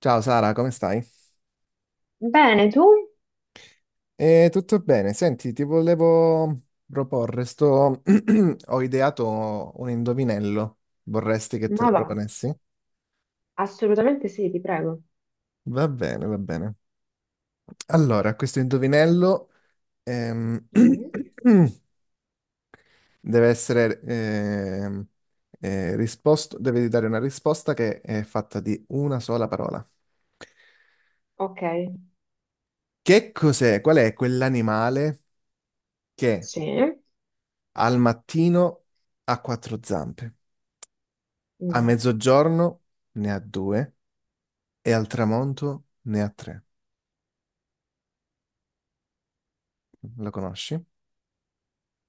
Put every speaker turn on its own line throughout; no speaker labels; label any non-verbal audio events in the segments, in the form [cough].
Ciao Sara, come stai?
Bene, tu?
Tutto bene. Senti, ti volevo proporre, sto... [clears throat] ho ideato un indovinello. Vorresti che te
Ma
lo
va,
proponessi?
assolutamente sì, ti prego.
Va bene, va bene. Allora, questo indovinello ehm,
Mm,
[clears throat] deve essere risposto, devi dare una risposta che è fatta di una sola parola.
ok,
Che cos'è? Qual è quell'animale che
sì.
al mattino ha quattro zampe? A
Mm.
mezzogiorno ne ha due e al tramonto ne ha tre. Lo conosci?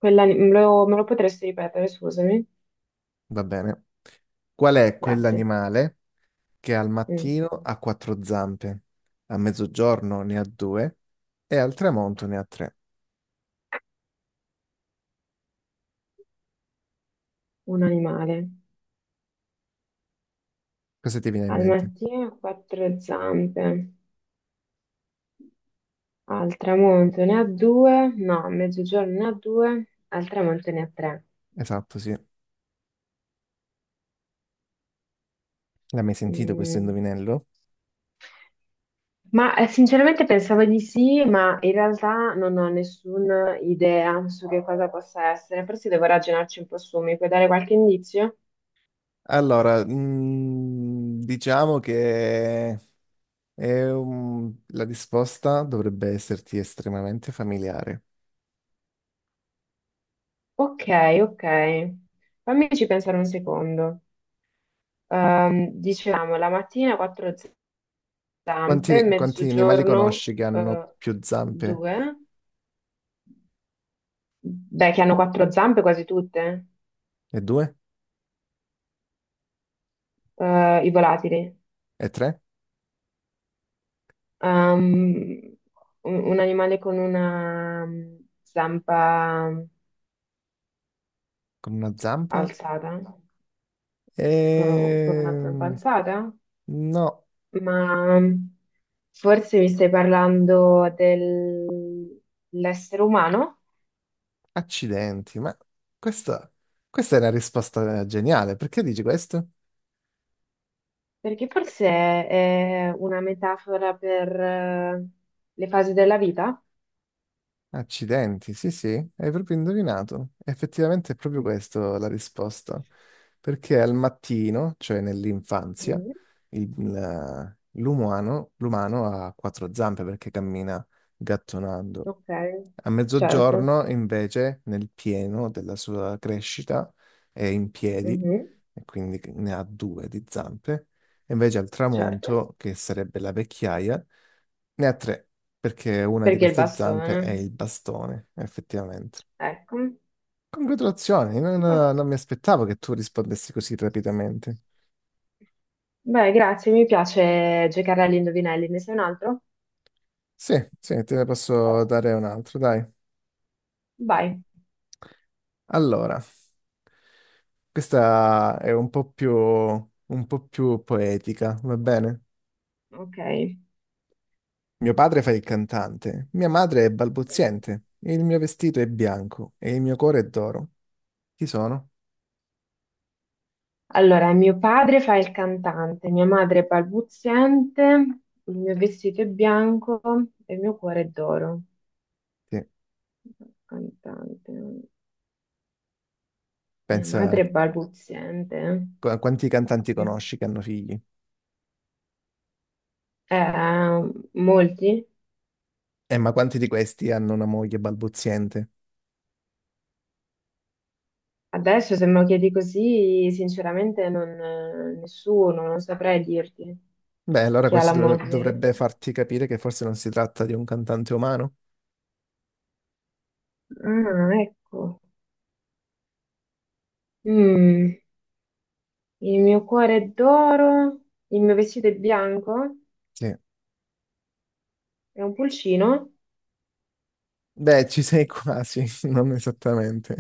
Me lo potresti ripetere, scusami?
Va bene. Qual è
Grazie.
quell'animale che al
Mm,
mattino ha quattro zampe, a mezzogiorno ne ha due e al tramonto ne ha tre?
Un animale.
Cosa ti viene in
Al
mente?
mattino ha quattro zampe, al tramonto ne ha due, no, a mezzogiorno ne ha due, al tramonto ne ha tre.
Esatto, sì. L'hai mai sentito questo
Mm.
indovinello?
Ma sinceramente pensavo di sì, ma in realtà non ho nessuna idea su che cosa possa essere. Forse devo ragionarci un po' su, mi puoi dare qualche indizio?
Allora, mm, diciamo che è un- la risposta dovrebbe esserti estremamente familiare.
Ok, ok. Fammici pensare un secondo. Dicevamo, la mattina quattro zampe,
Quanti animali
mezzogiorno
conosci che hanno
eh,
più zampe?
due. Beh, che hanno quattro zampe quasi tutte,
E due?
i volatili.
E tre?
Ehm, un animale con una zampa
Con una zampa?
alzata, con
E...
una zampa alzata,
No,
ma forse mi stai parlando dell'essere umano,
accidenti, ma questa, questa è una risposta geniale. Perché dici questo?
perché forse è una metafora per le fasi della vita.
Accidenti, sì, sì, hai proprio indovinato. Effettivamente è proprio
Mm.
questa la risposta. Perché al mattino, cioè nell'infanzia,
Mm,
il- la- l'umano ha quattro zampe perché cammina gattonando.
ok,
A
certo,
mezzogiorno, invece, nel pieno della sua crescita, è in piedi
mhm,
e quindi ne ha due di zampe. E invece al
certo,
tramonto, che sarebbe la vecchiaia, ne ha tre, perché una di
perché il
queste zampe è
bastone,
il bastone, effettivamente.
ecco.
Congratulazioni, non,
Boh.
non mi aspettavo che tu rispondessi così rapidamente.
Beh, grazie, mi piace giocare agli indovinelli, ne sei un altro?
Sì, sì, te ne posso dare un altro, dai.
Vai,
Allora, questa è un po' più poetica, va bene?
ok.
Mio padre fa il cantante, mia madre è
Mm.
balbuziente, il mio vestito è bianco e il mio cuore è d'oro. Chi sono?
Allora, mio padre fa il cantante, mia madre è balbuziente, il mio vestito è bianco e il mio cuore è d'oro.
Sì,
Cantante, mia
pensa
madre è balbuziente.
qu- quanti cantanti
Mio-
conosci che hanno figli.
Molti?
Ma quanti di questi hanno una moglie balbuziente?
Adesso se me lo chiedi così, sinceramente non, nessuno, non saprei dirti
Beh, allora
chi ha
questo
la
dov-
moglie.
dovrebbe farti capire che forse non si tratta di un cantante umano.
Ah, ecco. Mm, il mio cuore è d'oro, il mio vestito è bianco.
Sì.
È un pulcino?
Beh, ci sei quasi, [laughs] non esattamente.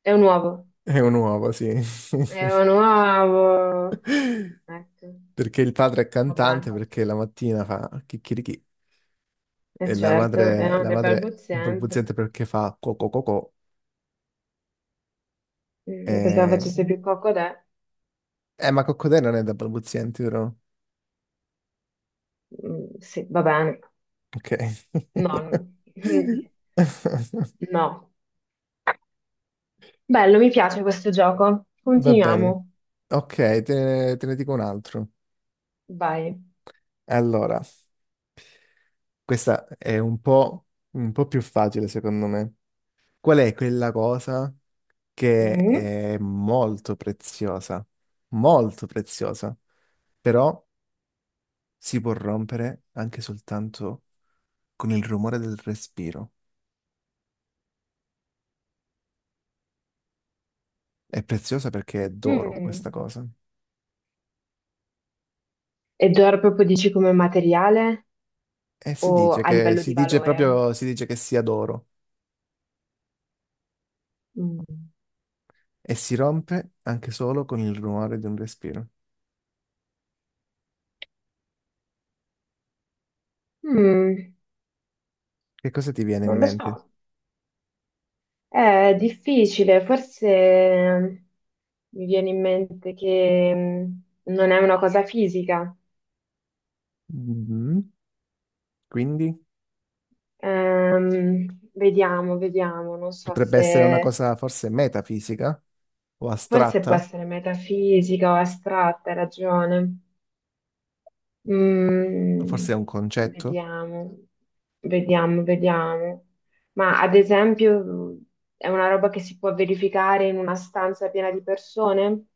È un uovo.
È un uovo, sì.
È
[laughs]
un uovo. Ecco,
Perché il padre è
vabbè.
cantante, perché la mattina fa chicchirichì.
E
E
certo, è
la
anche
madre è
barbozzante.
balbuziente perché fa coco coco.
Io pensavo facesse
E...
più cocodè.
eh, ma coccodè non è da balbuzienti, vero?
Mm, sì, va bene.
Ok.
No, mm,
[laughs]
[laughs] no. Bello, mi piace questo gioco.
Va bene.
Continuiamo.
Ok, te ne dico un altro.
Vai.
Allora, questa è un po' più facile, secondo me. Qual è quella cosa che
Mm,
è molto preziosa? Molto preziosa, però si può rompere anche soltanto con il rumore del respiro. È preziosa perché è d'oro
mm.
questa cosa.
Ed ora proprio dici come materiale
E si
o
dice
a
che,
livello
si
di
dice
valore?
proprio, si dice che sia d'oro
Mm.
e si rompe anche solo con il rumore di un respiro.
Mm,
Che cosa ti viene in
non lo so.
mente?
È difficile, forse mi viene in mente che non è una cosa fisica.
Mm, quindi
Ehm, vediamo, vediamo, non so
potrebbe essere una
se
cosa forse metafisica o
forse può
astratta,
essere metafisica o astratta, hai ragione.
o
Mm,
forse è un concetto?
vediamo, vediamo, vediamo. Ma ad esempio è una roba che si può verificare in una stanza piena di persone?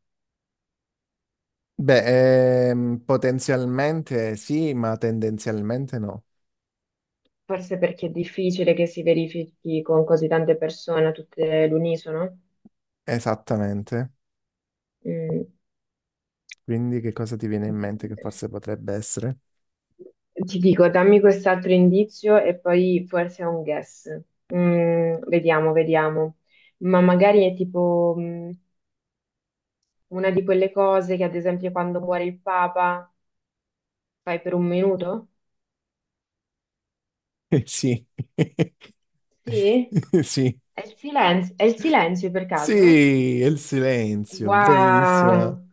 Beh, potenzialmente sì, ma tendenzialmente no.
Forse perché è difficile che si verifichi con così tante persone, tutte all'unisono.
Esattamente.
Mm.
Quindi che cosa ti viene in mente che forse potrebbe essere?
Ti dico, dammi quest'altro indizio e poi forse è un guess. Vediamo, vediamo. Ma magari è tipo, una di quelle cose che, ad esempio, quando muore il Papa fai per un minuto?
Sì. [laughs]
Sì?
Sì.
È il silenzio per caso?
Sì, è il silenzio, bravissima.
Wow,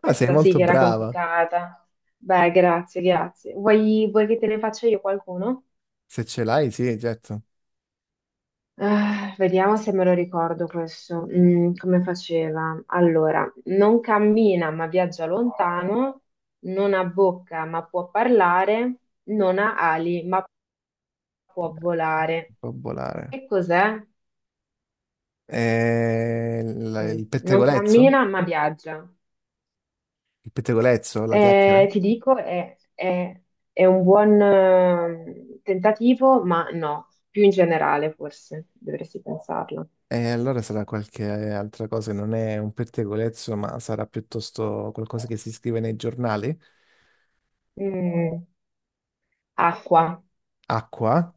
Ah, sei
sì
molto
che era
brava.
complicata. Beh, grazie, grazie. Vuoi che te ne faccia io qualcuno?
Se ce l'hai, sì, certo.
Ah, vediamo se me lo ricordo questo. Come faceva? Allora, non cammina ma viaggia lontano, non ha bocca ma può parlare, non ha ali ma può volare.
Può volare.
Che cos'è?
La-
Mm,
il
non
pettegolezzo?
cammina ma viaggia.
Il pettegolezzo, la chiacchiera?
Ti dico, è un buon tentativo, ma no, più in generale forse dovresti pensarlo.
E allora sarà qualche altra cosa, non è un pettegolezzo, ma sarà piuttosto qualcosa che si scrive nei giornali.
Mm, acqua.
Acqua?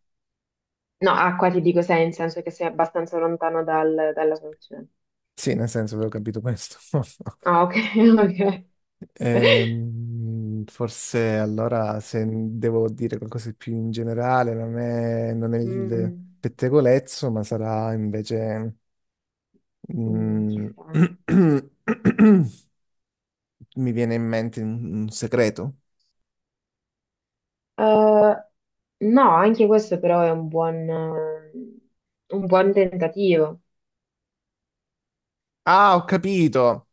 No, acqua ti dico sei, in senso che sei abbastanza lontano dalla soluzione.
Sì, nel senso, avevo capito questo. [laughs]
Ah, ok, [laughs] ok.
Forse allora se devo dire qualcosa di più in generale, non è il
Mm,
pettegolezzo, ma sarà invece...
mm,
mm,
chissà.
[clears throat] mi viene in mente un segreto.
No, anche questo però è un buon tentativo.
Ah, ho capito!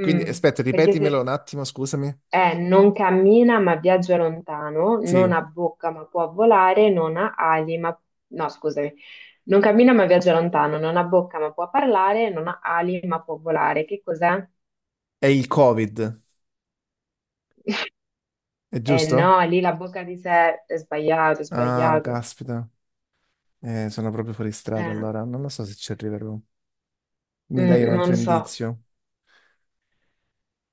Quindi aspetta,
perché
ripetimelo
se.
un attimo, scusami.
Non cammina ma viaggia lontano,
Sì,
non ha bocca ma può volare, non ha ali ma. No, scusami. Non cammina ma viaggia lontano, non ha bocca ma può parlare, non ha ali ma può volare. Che cos'è?
è il Covid, è
Eh
giusto?
no, lì la bocca di sé è sbagliato, è
Ah,
sbagliato.
caspita, eh, sono proprio fuori strada
Eh,
allora, non lo so se ci arriverò. Mi dai un
non
altro
lo so.
indizio?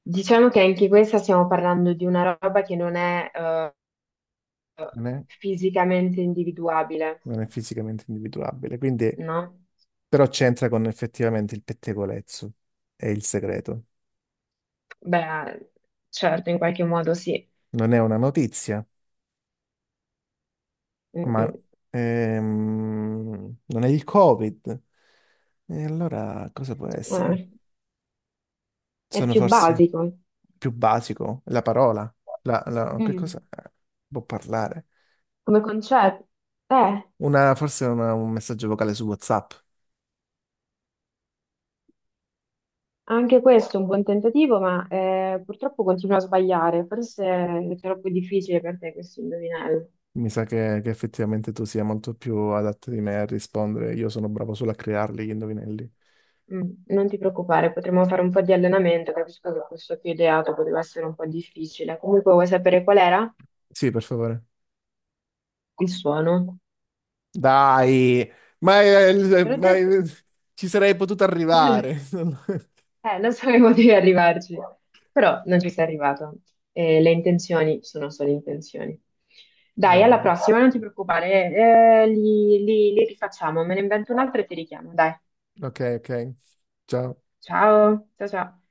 Diciamo che anche questa stiamo parlando di una roba che non è
Non è?
fisicamente individuabile,
Non è fisicamente individuabile, quindi
no?
però c'entra con effettivamente il pettegolezzo, è il segreto.
Beh, certo, in qualche modo sì.
Non è una notizia,
Mm,
ma
mm.
non è il Covid. E allora cosa può essere?
Eh. È
Sono
più
forse
basico.
più basico, la parola, la, la- che cosa
Mm.
può parlare?
Come concetto. Eh,
Una, forse una- un messaggio vocale su WhatsApp.
anche questo è un buon tentativo, ma purtroppo continua a sbagliare. Forse è troppo difficile per te questo indovinello.
Mi sa che effettivamente tu sia molto più adatto di me a rispondere. Io sono bravo solo a crearli gli indovinelli.
Non ti preoccupare, potremmo fare un po' di allenamento. Capisco che questo che ho ideato poteva essere un po' difficile. Comunque, vuoi sapere qual era?
Sì, per favore.
Il suono.
Dai,
Te l'ho
ma,
detto.
ci sarei potuto arrivare. [laughs]
[laughs] Non sapevo [laughs] di arrivarci, però non ci sei arrivato. Le intenzioni sono solo intenzioni.
Va
Dai, alla
bene.
prossima, non ti preoccupare, li rifacciamo, me ne invento un altro e ti richiamo. Dai,
Ok, ok. Ciao.
ciao, ciao ciao.